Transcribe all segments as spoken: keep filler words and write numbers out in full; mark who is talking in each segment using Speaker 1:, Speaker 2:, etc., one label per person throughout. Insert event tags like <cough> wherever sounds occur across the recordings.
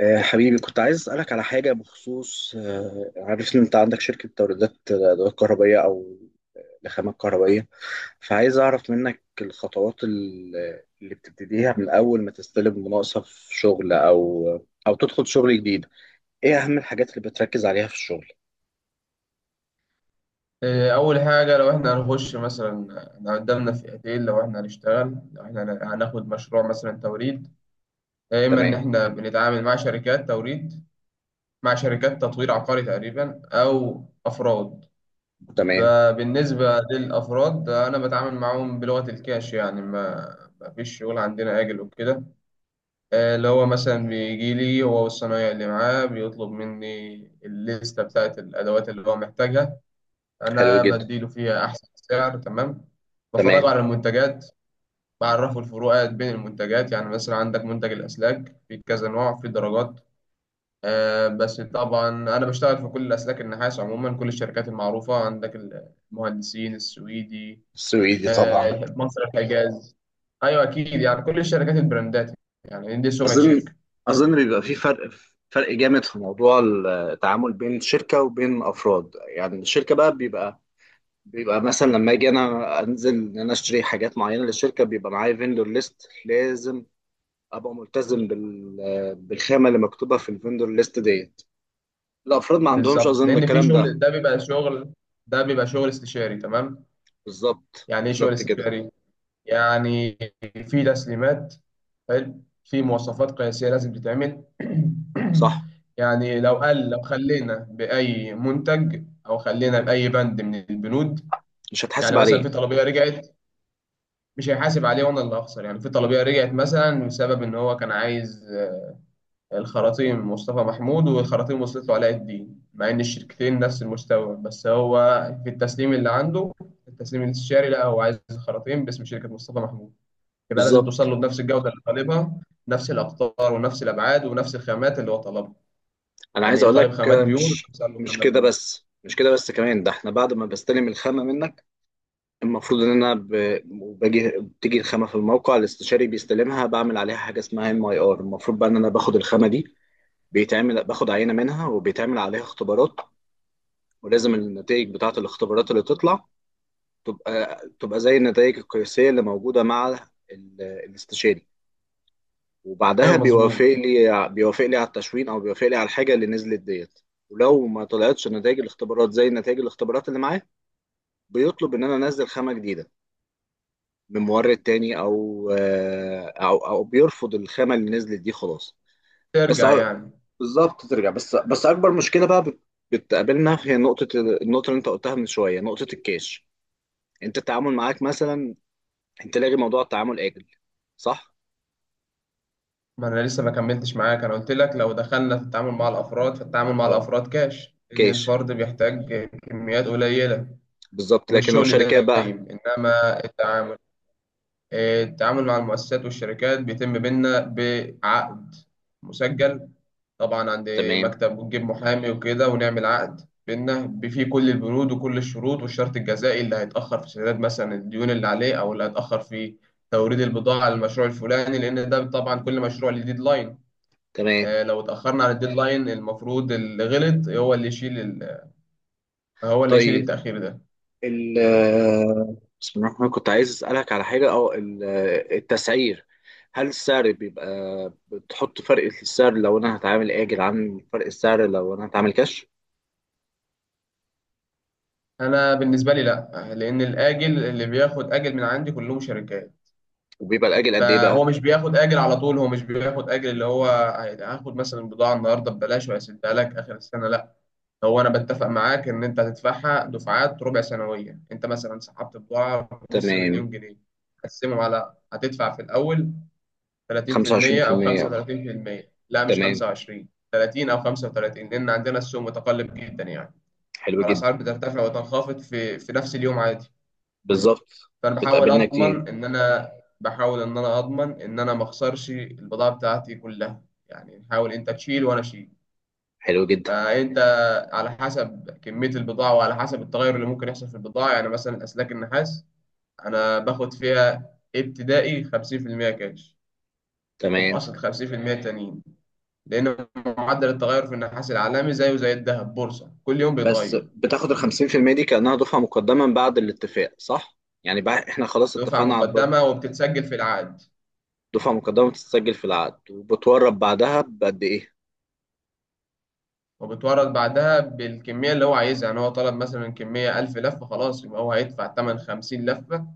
Speaker 1: آه، حبيبي، كنت عايز أسألك على حاجة بخصوص، آه، عارف إن أنت عندك شركة توريدات، آه، أدوات كهربائية أو آه، لخامات كهربائية. فعايز أعرف منك الخطوات ال- اللي بتبتديها من أول ما تستلم مناقصة في شغل أو أو تدخل شغل جديد. إيه أهم الحاجات اللي بتركز عليها في الشغل؟
Speaker 2: إيه، أول حاجة لو إحنا هنخش مثلا. إحنا قدامنا فئتين، لو إحنا هنشتغل، لو إحنا هن- هناخد مشروع مثلا توريد. يا إما إن
Speaker 1: تمام.
Speaker 2: إحنا بنتعامل مع شركات توريد، مع شركات تطوير عقاري تقريبا، أو أفراد.
Speaker 1: تمام.
Speaker 2: فبالنسبة للأفراد أنا بتعامل معاهم بلغة الكاش، يعني ما ما فيش شغل عندنا آجل وكده. آه، اللي هو مثلا بيجي لي هو والصنايعي اللي معاه، بيطلب مني الليستة بتاعت الأدوات اللي هو محتاجها.
Speaker 1: حلو
Speaker 2: انا
Speaker 1: جدا.
Speaker 2: بديله فيها احسن سعر، تمام. بفرجه
Speaker 1: تمام.
Speaker 2: على المنتجات، بعرفه الفروقات بين المنتجات. يعني مثلا عندك منتج الاسلاك في كذا نوع، في درجات. آه بس طبعا انا بشتغل في كل الاسلاك النحاس عموما، كل الشركات المعروفه عندك، المهندسين السويدي،
Speaker 1: السويدي طبعا.
Speaker 2: آه، مصر، الحجاز. ايوه اكيد، يعني كل الشركات البراندات، يعني دي سمعه
Speaker 1: أظن
Speaker 2: شركه.
Speaker 1: أظن بيبقى في فرق. فرق جامد في موضوع التعامل بين شركة وبين أفراد. يعني الشركة بقى بيبقى، بيبقى مثلا لما اجي انا انزل ان انا اشتري حاجات معينه للشركه، بيبقى معايا فيندور ليست لازم ابقى ملتزم بال... بالخامه اللي مكتوبه في الفيندور ليست ديت. الافراد ما عندهمش
Speaker 2: بالظبط،
Speaker 1: اظن
Speaker 2: لان في
Speaker 1: الكلام ده.
Speaker 2: شغل، ده بيبقى شغل ده بيبقى شغل استشاري، تمام.
Speaker 1: بالظبط.
Speaker 2: يعني ايه شغل
Speaker 1: بالظبط كده.
Speaker 2: استشاري؟ يعني في تسليمات، حلو، في مواصفات قياسية لازم تتعمل.
Speaker 1: صح.
Speaker 2: <clears throat> يعني لو قال، لو خلينا بأي منتج أو خلينا بأي بند من البنود،
Speaker 1: مش
Speaker 2: يعني
Speaker 1: هتحاسب
Speaker 2: مثلا
Speaker 1: عليه.
Speaker 2: في طلبية رجعت، مش هيحاسب عليه وأنا اللي هخسر. يعني في طلبية رجعت مثلا بسبب إن هو كان عايز آه، الخراطيم مصطفى محمود، والخراطيم وصلت له علاء الدين، مع إن الشركتين نفس المستوى، بس هو في التسليم اللي عنده، التسليم الاستشاري لا، هو عايز الخراطيم باسم شركة مصطفى محمود. يبقى لازم توصل
Speaker 1: بالظبط.
Speaker 2: له بنفس الجودة اللي طالبها، نفس الأقطار ونفس الأبعاد ونفس الخامات اللي هو طلبها.
Speaker 1: انا عايز
Speaker 2: يعني
Speaker 1: اقول
Speaker 2: طالب
Speaker 1: لك،
Speaker 2: خامات
Speaker 1: آه،
Speaker 2: بيور،
Speaker 1: مش
Speaker 2: توصل له
Speaker 1: مش
Speaker 2: خامات
Speaker 1: كده
Speaker 2: بيور.
Speaker 1: بس، مش كده بس كمان، ده احنا بعد ما بستلم الخامه منك المفروض ان انا ب... باجي بتيجي الخامه في الموقع، الاستشاري بيستلمها، بعمل عليها حاجه اسمها ام اي ار. المفروض بقى ان انا باخد الخامه دي، بيتعمل باخد عينة منها وبيتعمل عليها اختبارات، ولازم النتائج بتاعة الاختبارات اللي تطلع تبقى تبقى زي النتائج القياسية اللي موجودة مع ال- الاستشاري. وبعدها
Speaker 2: أيوه
Speaker 1: بيوافق
Speaker 2: مظبوط.
Speaker 1: لي بيوافق لي على التشوين او بيوافق لي على الحاجة اللي نزلت ديت. ولو ما طلعتش نتائج الاختبارات زي نتائج الاختبارات اللي معاه، بيطلب ان انا انزل خامة جديدة من مورد تاني، او آه، او او بيرفض الخامة اللي نزلت دي خلاص. بس أ-
Speaker 2: ترجع يعني.
Speaker 1: بالظبط ترجع، بس بس اكبر مشكله بقى بت- بتقابلنا، هي نقطه ال- النقطه اللي انت قلتها من شويه، نقطه الكاش. انت التعامل معاك مثلا انت لاغي موضوع التعامل اجل، صح.
Speaker 2: ما أنا لسه ما كملتش معاك، أنا قلت لك لو دخلنا في التعامل مع الأفراد، فالتعامل مع
Speaker 1: اه.
Speaker 2: الأفراد كاش، إن
Speaker 1: كاش.
Speaker 2: الفرد بيحتاج كميات قليلة
Speaker 1: بالظبط
Speaker 2: ومش
Speaker 1: لكن لو
Speaker 2: شغل
Speaker 1: شركات بقى.
Speaker 2: دايم. إنما التعامل، آه، التعامل مع المؤسسات والشركات بيتم بينا بعقد مسجل، طبعا عند
Speaker 1: تمام.
Speaker 2: مكتب، ونجيب محامي وكده، ونعمل عقد بينا فيه كل البنود وكل الشروط والشرط الجزائي، اللي هيتأخر في سداد مثلا الديون اللي عليه، أو اللي هيتأخر في توريد البضاعة للمشروع الفلاني، لأن ده طبعا كل مشروع ليه ديدلاين.
Speaker 1: تمام.
Speaker 2: آه، لو اتأخرنا عن الديدلاين، المفروض اللي غلط هو اللي يشيل، ال... هو اللي يشيل
Speaker 1: طيب.
Speaker 2: التأخير ده.
Speaker 1: ال بسم الله الرحمن الرحيم. كنت عايز اسالك على حاجه، اه ال- التسعير. هل السعر بيبقى بتحط فرق في السعر لو انا هتعامل اجل عن فرق السعر لو انا هتعامل كاش؟
Speaker 2: أنا بالنسبة لي لأ، لأن الآجل اللي بياخد آجل من عندي كلهم شركات.
Speaker 1: وبيبقى الاجل قد ايه
Speaker 2: فهو
Speaker 1: بقى؟
Speaker 2: مش بياخد اجر على طول، هو مش بياخد اجر اللي هو هاخد مثلا بضاعه النهارده ببلاش وهسدها لك اخر السنه، لا. هو انا بتفق معاك ان انت هتدفعها دفعات ربع سنويه. انت مثلا سحبت بضاعه بنص مليون
Speaker 1: تمام.
Speaker 2: جنيه، هتقسمهم على، هتدفع في الاول تلاتين في المية او
Speaker 1: خمسة وعشرين في المية.
Speaker 2: خمسة وتلاتين بالمية. لا مش
Speaker 1: تمام.
Speaker 2: خمسة وعشرين، تلاتين بالمية او خمسة وتلاتين، لان عندنا السوق متقلب جدا يعني،
Speaker 1: حلو جدا.
Speaker 2: فالاسعار بترتفع وتنخفض في في نفس اليوم عادي.
Speaker 1: بالظبط.
Speaker 2: فانا بحاول
Speaker 1: بتقابلنا
Speaker 2: اضمن
Speaker 1: كتير.
Speaker 2: ان انا، بحاول ان انا اضمن ان انا ما اخسرش البضاعه بتاعتي كلها. يعني نحاول انت تشيل وانا اشيل.
Speaker 1: حلو جدا.
Speaker 2: فانت على حسب كميه البضاعه، وعلى حسب التغير اللي ممكن يحصل في البضاعه. يعني مثلا اسلاك النحاس انا باخد فيها ابتدائي خمسين في المية كاش،
Speaker 1: تمام.
Speaker 2: وبأصل خمسين في المية تانيين، لأن معدل التغير في النحاس العالمي زيه زي الذهب، بورصة، كل يوم
Speaker 1: بس
Speaker 2: بيتغير.
Speaker 1: بتاخد ال خمسين في المية دي كأنها دفعة مقدمة من بعد الاتفاق، صح؟ يعني بقى احنا خلاص
Speaker 2: دفعة
Speaker 1: اتفقنا على الب-
Speaker 2: مقدمة وبتتسجل في العقد،
Speaker 1: دفعة مقدمة بتتسجل في العقد، وبتورب بعدها بقد ايه؟
Speaker 2: وبتورد بعدها بالكمية اللي هو عايزها. يعني هو طلب مثلا كمية ألف لفة، خلاص يبقى هو هيدفع تمن خمسين لفة،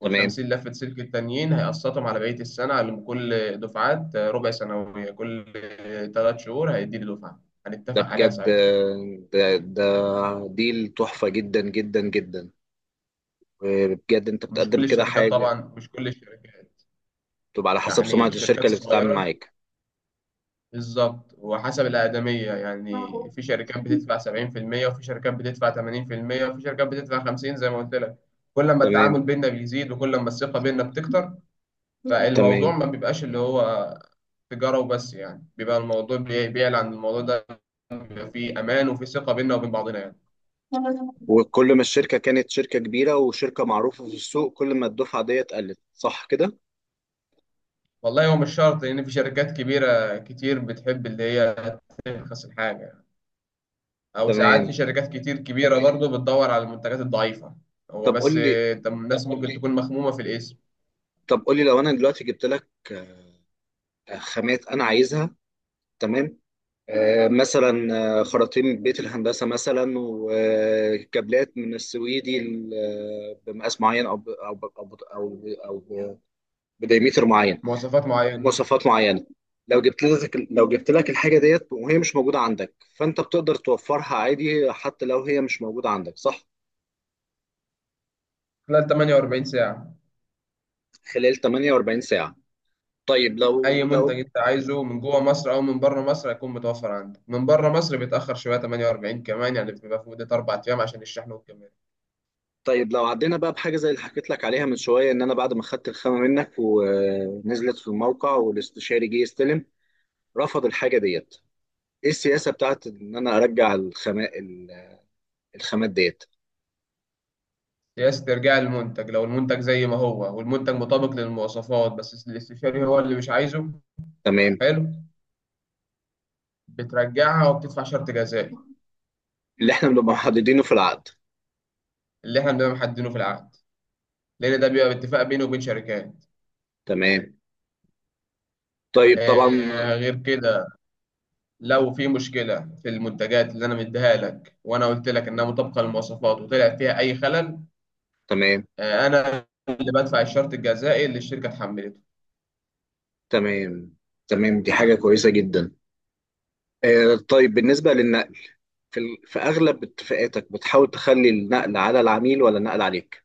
Speaker 1: تمام.
Speaker 2: والخمسين لفة سلك التانيين هيقسطهم على بقية السنة على كل دفعات ربع سنوية. كل تلات شهور هيديني دفعة،
Speaker 1: ده
Speaker 2: هنتفق عليها
Speaker 1: بجد،
Speaker 2: ساعتها.
Speaker 1: آه، ده ده ديل تحفة جدا جدا جدا. وبجد انت
Speaker 2: ومش
Speaker 1: بتقدم
Speaker 2: كل
Speaker 1: كده
Speaker 2: الشركات
Speaker 1: حاجة.
Speaker 2: طبعا، مش كل الشركات،
Speaker 1: تبقى على حسب
Speaker 2: يعني
Speaker 1: سمعة
Speaker 2: الشركات
Speaker 1: الشركة اللي بتتعامل
Speaker 2: الصغيرة.
Speaker 1: معاك.
Speaker 2: بالظبط وحسب الأقدمية، يعني في شركات بتدفع سبعين في المية، وفي شركات بتدفع تمانين في المية، وفي شركات بتدفع خمسين زي ما قلت لك. كل ما
Speaker 1: تمام.
Speaker 2: التعامل بيننا بيزيد، وكل ما الثقة بيننا بتكتر، فالموضوع
Speaker 1: تمام.
Speaker 2: ما بيبقاش اللي هو تجارة وبس يعني. بيبقى الموضوع بي- بيعلى عن الموضوع ده، بيبقى فيه أمان وفي ثقة بيننا وبين بعضنا يعني.
Speaker 1: وكل ما الشركة كانت شركة كبيرة وشركة معروفة في السوق، كل ما الدفعة ديت قلت، صح كده؟
Speaker 2: والله هو مش شرط، لأن في شركات كبيرة كتير بتحب اللي هي ترخص الحاجة، او ساعات
Speaker 1: تمام.
Speaker 2: في شركات كتير كبيره برضه بتدور على المنتجات الضعيفه. هو
Speaker 1: طب
Speaker 2: بس
Speaker 1: قول لي.
Speaker 2: آه، تم- الناس ممكن تكون مخمومه في الاسم.
Speaker 1: طب قول لي لو أنا دلوقتي جبت لك، آه، خامات أنا عايزها. تمام. آه مثلا، آه، خراطيم من بيت الهندسة مثلا وكابلات من السويدي، ل- آه، بمقاس معين، أو ب- أو ب- أو ب- أو ب- أو ب- بدايمتر معين،
Speaker 2: مواصفات معينه،
Speaker 1: مواصفات معينه. لو جبت لك لو جبت لك الحاجه ديت وهي مش موجوده عندك، فانت بتقدر توفرها عادي حتى لو هي مش موجوده عندك، صح؟
Speaker 2: خلال تمنية وأربعين ساعه.
Speaker 1: خلال ثمانية وأربعين ساعه. طيب
Speaker 2: اي
Speaker 1: لو
Speaker 2: منتج
Speaker 1: لو
Speaker 2: انت عايزه من جوه مصر او من بره مصر هيكون متوفر عندك. من بره مصر بيتاخر شويه، تمنية وأربعين كمان، يعني بتبقى في مده اربع ايام عشان الشحن والكمال.
Speaker 1: طيب لو عدينا بقى بحاجه زي اللي حكيت لك عليها من شويه، ان انا بعد ما خدت الخامه منك ونزلت في الموقع والاستشاري جه يستلم، رفض الحاجه ديت، ايه السياسه بتاعت ان انا ارجع الخامات، الخامات ديت؟
Speaker 2: سياسه ارجاع المنتج، لو المنتج زي ما هو والمنتج مطابق للمواصفات، بس الاستشاري هو اللي مش عايزه،
Speaker 1: تمام.
Speaker 2: حلو، بترجعها وبتدفع شرط جزائي
Speaker 1: اللي احنا بنبقى محددينه في العقد.
Speaker 2: اللي احنا بنبقى محددينه في العقد، لان ده بيبقى باتفاق بينه وبين شركات.
Speaker 1: تمام. طيب. طبعا.
Speaker 2: آه، غير كده، لو في مشكلة في المنتجات اللي أنا مديها لك، وأنا قلت لك إنها مطابقة للمواصفات وطلع فيها أي خلل،
Speaker 1: تمام.
Speaker 2: آه، أنا اللي بدفع الشرط الجزائي اللي الشركة اتحملته.
Speaker 1: تمام. تمام، دي حاجة كويسة جدا. آه، طيب بالنسبة للنقل، في ال- في أغلب اتفاقاتك بتحاول تخلي النقل على العميل ولا النقل عليك؟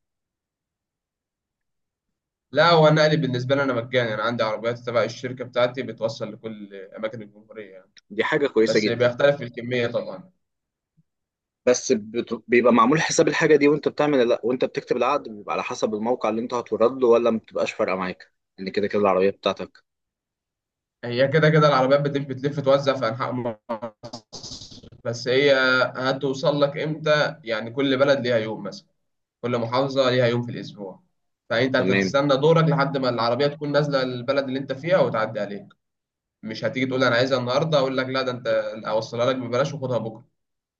Speaker 2: لا هو النقل بالنسبة لي أنا مجاني، أنا عندي عربيات تبع الشركة بتاعتي بتوصل لكل أماكن الجمهورية يعني،
Speaker 1: دي حاجة كويسة
Speaker 2: بس
Speaker 1: جدا.
Speaker 2: بيختلف في الكمية طبعا.
Speaker 1: بس بت- بيبقى معمول حساب الحاجة دي وانت بتعمل، لا، وانت بتكتب العقد، بيبقى على حسب الموقع اللي انت هتورد له ولا ما بتبقاش فارقة معاك ان كده كده العربية بتاعتك؟
Speaker 2: هي كده كده العربيات بتلف بتلف توزع في أنحاء مصر، بس هي هتوصل لك إمتى. يعني كل بلد ليها يوم مثلا، كل محافظة ليها يوم في الأسبوع، فأنت
Speaker 1: تمام.
Speaker 2: هتستنى دورك لحد ما العربية تكون نازلة البلد اللي أنت فيها وتعدي عليك. مش هتيجي تقول أنا عايزها النهاردة، أقول لك لا، ده أنت أوصلها لك ببلاش وخدها بكرة،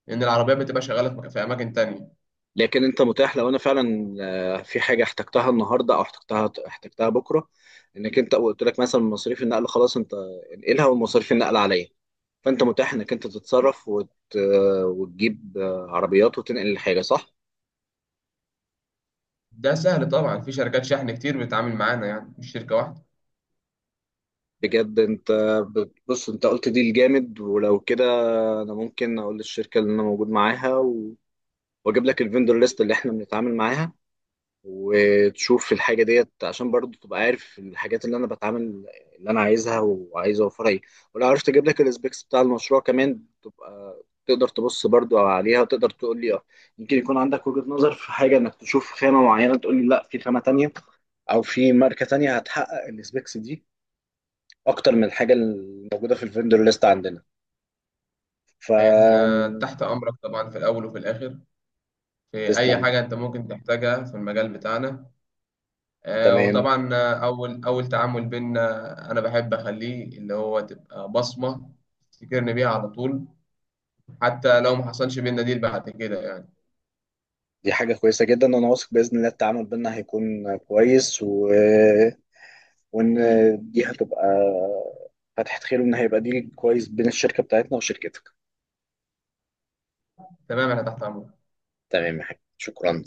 Speaker 2: لأن العربية بتبقى شغالة في مك- في أماكن تانية.
Speaker 1: لكن انت متاح لو انا فعلا، آه، في حاجه احتجتها النهارده او احتجتها احتجتها بكره، انك انت قلت لك مثلا مصاريف النقل خلاص، انت انقلها ومصاريف النقل عليا، فانت متاح انك انت تتصرف وت... آه، وتجيب، آه، عربيات وتنقل الحاجه، صح؟
Speaker 2: ده سهل طبعا، في شركات شحن كتير بتتعامل معانا يعني، مش شركة واحدة.
Speaker 1: بجد انت. بص، انت قلت دي الجامد. ولو كده، انا ممكن اقول للشركه اللي انا موجود معاها، و... واجيب لك الفندور ليست اللي احنا بنتعامل معاها، وتشوف الحاجة ديت عشان برضو تبقى عارف الحاجات، اللي أنا بتعامل اللي أنا عايزها وعايز أوفرها إيه. ولو عرفت أجيب لك الاسبيكس بتاع المشروع كمان، تبقى تقدر تبص برضو عليها وتقدر تقول لي، اه يمكن يكون عندك وجهة نظر في حاجة، إنك تشوف خامة معينة تقول لي لا، في خامة تانية أو في ماركة تانية هتحقق الاسبيكس دي أكتر من الحاجة الموجودة في الفندور ليست عندنا. ف
Speaker 2: إحنا تحت أمرك طبعا في الأول وفي الآخر، في أي
Speaker 1: تسلم.
Speaker 2: حاجة أنت ممكن تحتاجها في المجال بتاعنا. آه،
Speaker 1: تمام،
Speaker 2: وطبعا آه، أول أول تعامل بينا أنا بحب أخليه اللي هو تبقى بصمة تفتكرني بيها على طول، حتى لو ما حصلش بينا ديل بعد كده يعني.
Speaker 1: دي حاجة كويسة جدا وأنا واثق بإذن الله التعامل بينا هيكون كويس. و وان دي هتبقى فتحة خير، وان هيبقى ديل كويس بين الشركة بتاعتنا وشركتك.
Speaker 2: تمام انا تحت امرك.
Speaker 1: تمام يا حبيبي، شكرا.